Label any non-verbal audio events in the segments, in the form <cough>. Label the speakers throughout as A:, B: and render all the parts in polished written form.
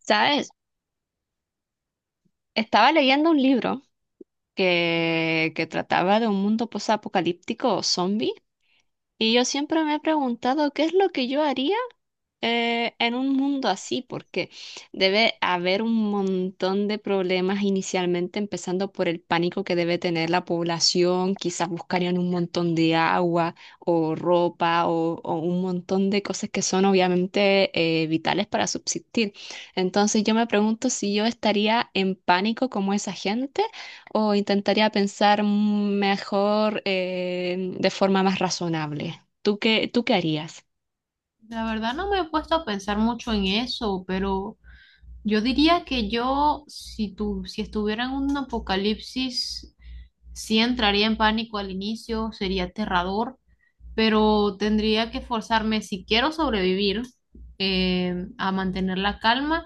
A: ¿Sabes? Estaba leyendo un libro que trataba de un mundo posapocalíptico zombie. Y yo siempre me he preguntado qué es lo que yo haría en un mundo así, porque debe haber un montón de problemas inicialmente, empezando por el pánico que debe tener la población, quizás buscarían un montón de agua o ropa o un montón de cosas que son obviamente vitales para subsistir. Entonces yo me pregunto si yo estaría en pánico como esa gente o intentaría pensar mejor de forma más razonable. ¿Tú qué harías?
B: La verdad no me he puesto a pensar mucho en eso, pero yo diría que yo, si tu, si estuviera en un apocalipsis, sí entraría en pánico al inicio, sería aterrador, pero tendría que forzarme, si quiero sobrevivir, a mantener la calma.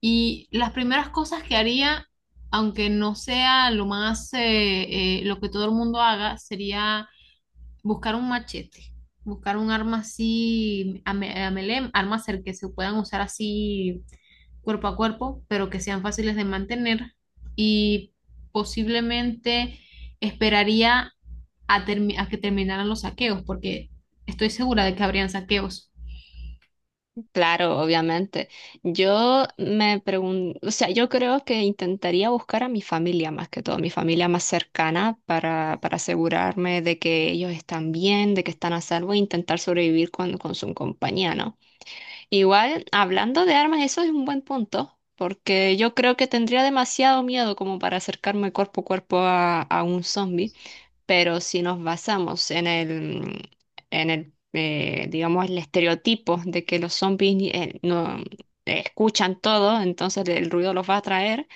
B: Y las primeras cosas que haría, aunque no sea lo más, lo que todo el mundo haga, sería buscar un machete, buscar un arma así, a melee, armas el que se puedan usar así cuerpo a cuerpo, pero que sean fáciles de mantener y posiblemente esperaría a, a que terminaran los saqueos, porque estoy segura de que habrían saqueos.
A: Claro, obviamente. Yo me pregunto, o sea, yo creo que intentaría buscar a mi familia más que todo, mi familia más cercana para asegurarme de que ellos están bien, de que están a salvo e intentar sobrevivir con su compañía, ¿no? Igual, hablando de armas, eso es un buen punto, porque yo creo que tendría demasiado miedo como para acercarme cuerpo a cuerpo a un zombie. Pero si nos basamos en el, digamos, el estereotipo de que los zombies no escuchan todo, entonces el ruido los va a atraer.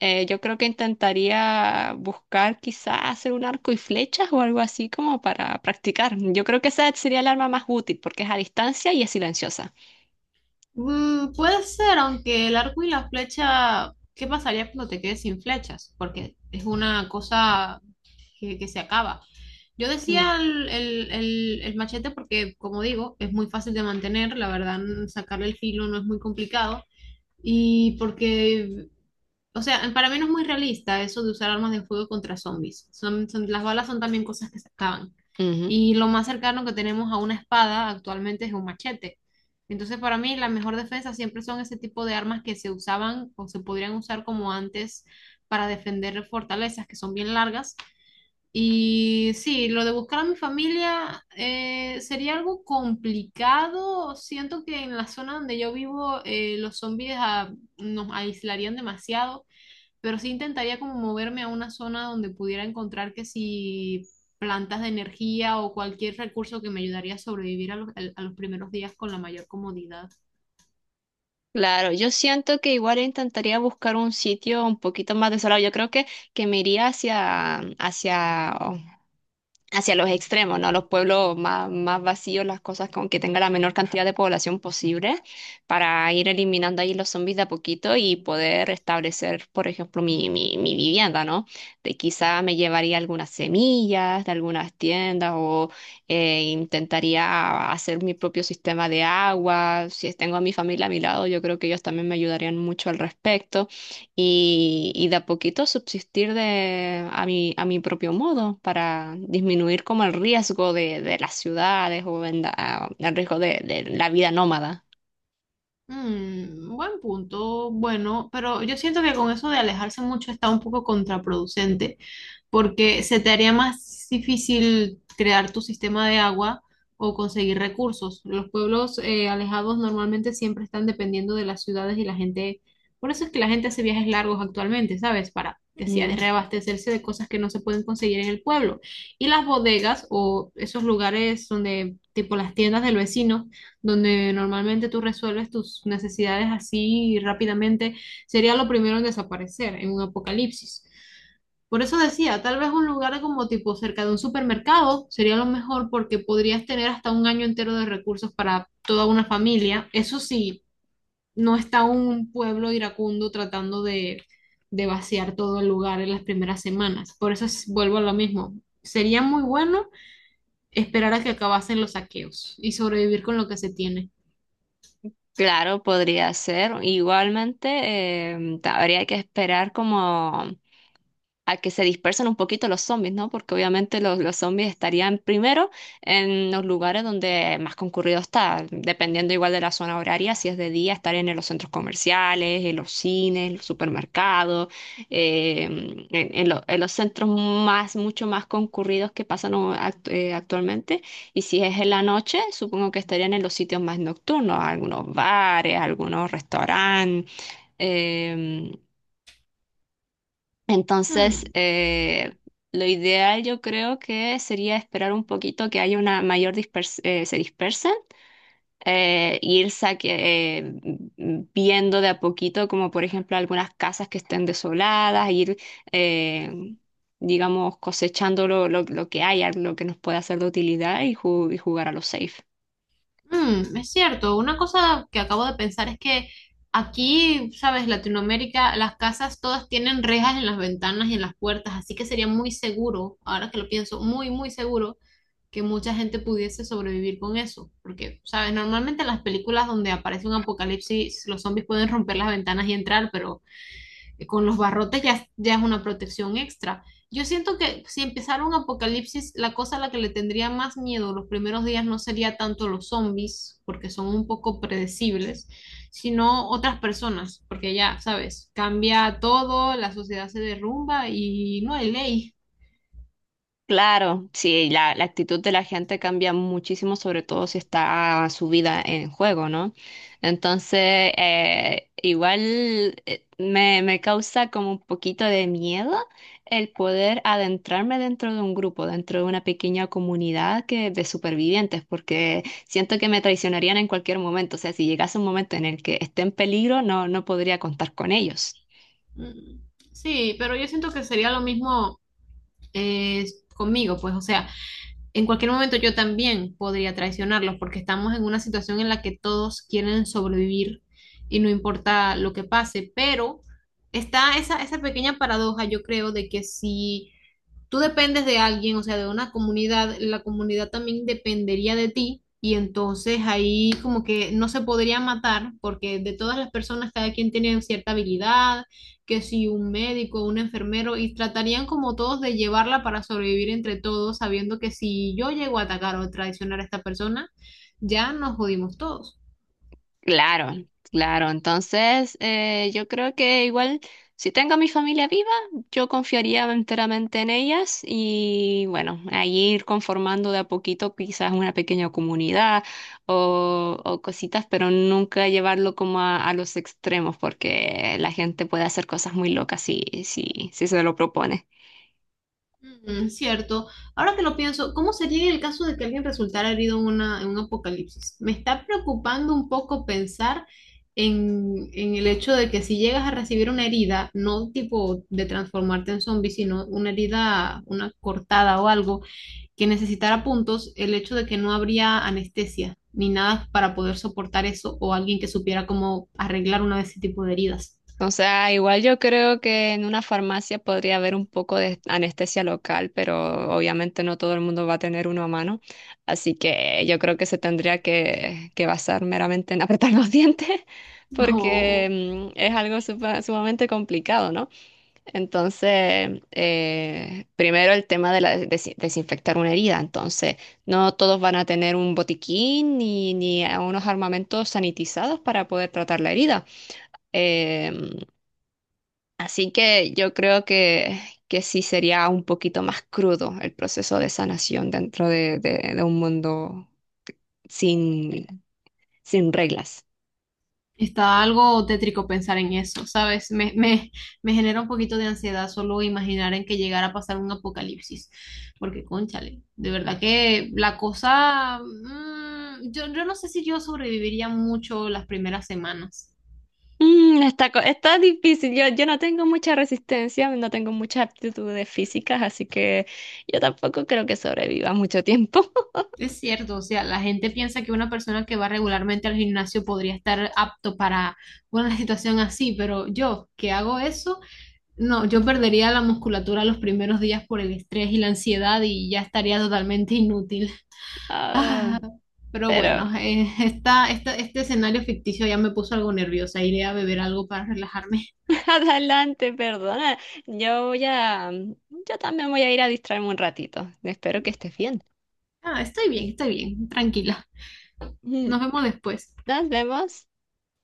A: Yo creo que intentaría buscar quizás hacer un arco y flechas o algo así como para practicar. Yo creo que esa sería el arma más útil porque es a distancia y es silenciosa.
B: Mm, puede ser, aunque el arco y la flecha, ¿qué pasaría cuando te quedes sin flechas? Porque es una cosa que se acaba. Yo
A: Mm,
B: decía el machete porque, como digo, es muy fácil de mantener, la verdad, sacarle el filo no es muy complicado. Y porque, o sea, para mí no es muy realista eso de usar armas de fuego contra zombies. Las balas son también cosas que se acaban.
A: ujú.
B: Y lo más cercano que tenemos a una espada actualmente es un machete. Entonces, para mí, la mejor defensa siempre son ese tipo de armas que se usaban o se podrían usar como antes para defender fortalezas que son bien largas y sí, lo de buscar a mi familia sería algo complicado. Siento que en la zona donde yo vivo los zombies nos aislarían demasiado, pero sí intentaría como moverme a una zona donde pudiera encontrar que si plantas de energía o cualquier recurso que me ayudaría a sobrevivir a a los primeros días con la mayor comodidad.
A: Claro, yo siento que igual intentaría buscar un sitio un poquito más desolado. Yo creo que me iría hacia los extremos, ¿no? Los pueblos más, más vacíos, las cosas con que tenga la menor cantidad de población posible, para ir eliminando ahí los zombies de a poquito y poder establecer, por ejemplo, mi vivienda, ¿no? De quizá me llevaría algunas semillas de algunas tiendas o intentaría hacer mi propio sistema de agua. Si tengo a mi familia a mi lado, yo creo que ellos también me ayudarían mucho al respecto y de a poquito subsistir de, a mi propio modo para disminuir como el riesgo de las ciudades o en la- el riesgo de la vida nómada.
B: Mm, buen punto, bueno, pero yo siento que con eso de alejarse mucho está un poco contraproducente, porque se te haría más difícil crear tu sistema de agua o conseguir recursos. Los pueblos alejados normalmente siempre están dependiendo de las ciudades y la gente, por eso es que la gente hace viajes largos actualmente, ¿sabes? Para que sea de
A: Mm.
B: reabastecerse de cosas que no se pueden conseguir en el pueblo. Y las bodegas o esos lugares donde, tipo las tiendas del vecino, donde normalmente tú resuelves tus necesidades así rápidamente, sería lo primero en desaparecer en un apocalipsis. Por eso decía, tal vez un lugar como tipo cerca de un supermercado sería lo mejor porque podrías tener hasta un año entero de recursos para toda una familia. Eso sí, no está un pueblo iracundo tratando de vaciar todo el lugar en las primeras semanas. Vuelvo a lo mismo. Sería muy bueno esperar a que acabasen los saqueos y sobrevivir con lo que se tiene.
A: Claro, podría ser. Igualmente, habría que esperar como a que se dispersen un poquito los zombies, ¿no? Porque obviamente los zombies estarían primero en los lugares donde más concurrido está, dependiendo igual de la zona horaria, si es de día, estarían en los centros comerciales, en los cines, los supermercados, en los centros más, mucho más concurridos que pasan actualmente. Y si es en la noche, supongo que estarían en los sitios más nocturnos, algunos bares, algunos restaurantes. eh, entonces,
B: Hmm.
A: eh, lo ideal yo creo que sería esperar un poquito que haya una mayor se dispersen. eh, ir saque- eh, viendo de a poquito, como por ejemplo algunas casas que estén desoladas, ir, eh, digamos, cosechando lo que haya, lo que nos pueda ser de utilidad y, y jugar a lo safe.
B: Mm, es cierto, una cosa que acabo de pensar es que aquí, sabes, Latinoamérica, las casas todas tienen rejas en las ventanas y en las puertas, así que sería muy seguro, ahora que lo pienso, muy, muy seguro que mucha gente pudiese sobrevivir con eso, porque, sabes, normalmente en las películas donde aparece un apocalipsis, los zombies pueden romper las ventanas y entrar, pero con los barrotes ya, ya es una protección extra. Yo siento que si empezara un apocalipsis, la cosa a la que le tendría más miedo los primeros días no sería tanto los zombies, porque son un poco predecibles, sino otras personas, porque ya, sabes, cambia todo, la sociedad se derrumba y no hay ley.
A: Claro, sí, la actitud de la gente cambia muchísimo, sobre todo si está su vida en juego, ¿no? Entonces, igual me causa como un poquito de miedo el poder adentrarme dentro de un grupo, dentro de una pequeña comunidad que, de supervivientes, porque siento que me traicionarían en cualquier momento. O sea, si llegase un momento en el que esté en peligro, no podría contar con ellos.
B: Mm. Sí, pero yo siento que sería lo mismo eh, conmigo, pues, o sea, en cualquier momento yo también podría traicionarlos porque estamos en una situación en la que todos quieren sobrevivir y no importa lo que pase, pero está esa, esa pequeña paradoja, yo creo, de que si tú dependes de alguien, o sea, de una comunidad, la comunidad también dependería de ti y entonces ahí como que no se podría matar porque de todas las personas cada quien tiene cierta habilidad, que si un médico, un enfermero y tratarían como todos de llevarla para sobrevivir entre todos, sabiendo que si yo llego a atacar o traicionar a esta persona, ya nos jodimos todos.
A: Claro, claro. Entonces, yo creo que igual, si tengo a mi familia viva, yo confiaría enteramente en ellas y bueno, ahí ir conformando de a poquito quizás una pequeña comunidad o cositas, pero nunca llevarlo como a los extremos porque la gente puede hacer cosas muy locas si se lo propone.
B: Mm, cierto. Ahora que lo pienso, ¿cómo sería en el caso de que alguien resultara herido en, una, en un apocalipsis? Me está preocupando un poco pensar en el hecho de que si llegas a recibir una herida, no tipo de transformarte en zombie, sino una herida, una cortada o algo que necesitara puntos, el hecho de que no habría anestesia ni nada para poder soportar eso o alguien que supiera cómo arreglar una de ese tipo de heridas.
A: O sea, igual yo creo que en una farmacia podría haber un poco de anestesia local, pero obviamente no todo el mundo va a tener uno a mano. Así que yo creo que se tendría que basar meramente en apretar los <laughs> dientes,
B: <laughs>
A: porque mm, es algo sumamente complicado, ¿no? Entonces, primero el tema de la desinfectar una herida. Entonces, no todos van a tener un botiquín ni a unos armamentos sanitizados para poder tratar la herida. Em, Así que yo creo que sí sería un poquito más crudo el proceso de sanación dentro de, de un mundo sin, sin reglas.
B: Está algo tétrico pensar en eso, ¿sabes? Me genera un poquito de ansiedad solo imaginar en que llegara a pasar un apocalipsis, porque cónchale, de verdad que la cosa, mm, yo no sé si yo sobreviviría mucho las primeras semanas.
A: Mm, está, está difícil. Yo no tengo mucha resistencia, no tengo muchas aptitudes físicas, así que yo tampoco creo que sobreviva mucho tiempo. <laughs>
B: Es cierto, o sea, la gente piensa que una persona que va regularmente al gimnasio podría estar apto para una situación así, pero yo que hago eso, no, yo perdería la musculatura los primeros días por el estrés y la ansiedad y ya estaría totalmente inútil.
A: Ah,
B: Ah, pero
A: pero
B: bueno, este escenario ficticio ya me puso algo nerviosa. Iré a beber algo para relajarme.
A: <laughs> adelante, perdona. Yo también voy a ir a distraerme un ratito. Espero que estés bien.
B: Ah, estoy bien, tranquila. Nos
A: <laughs>
B: vemos después.
A: Nos vemos.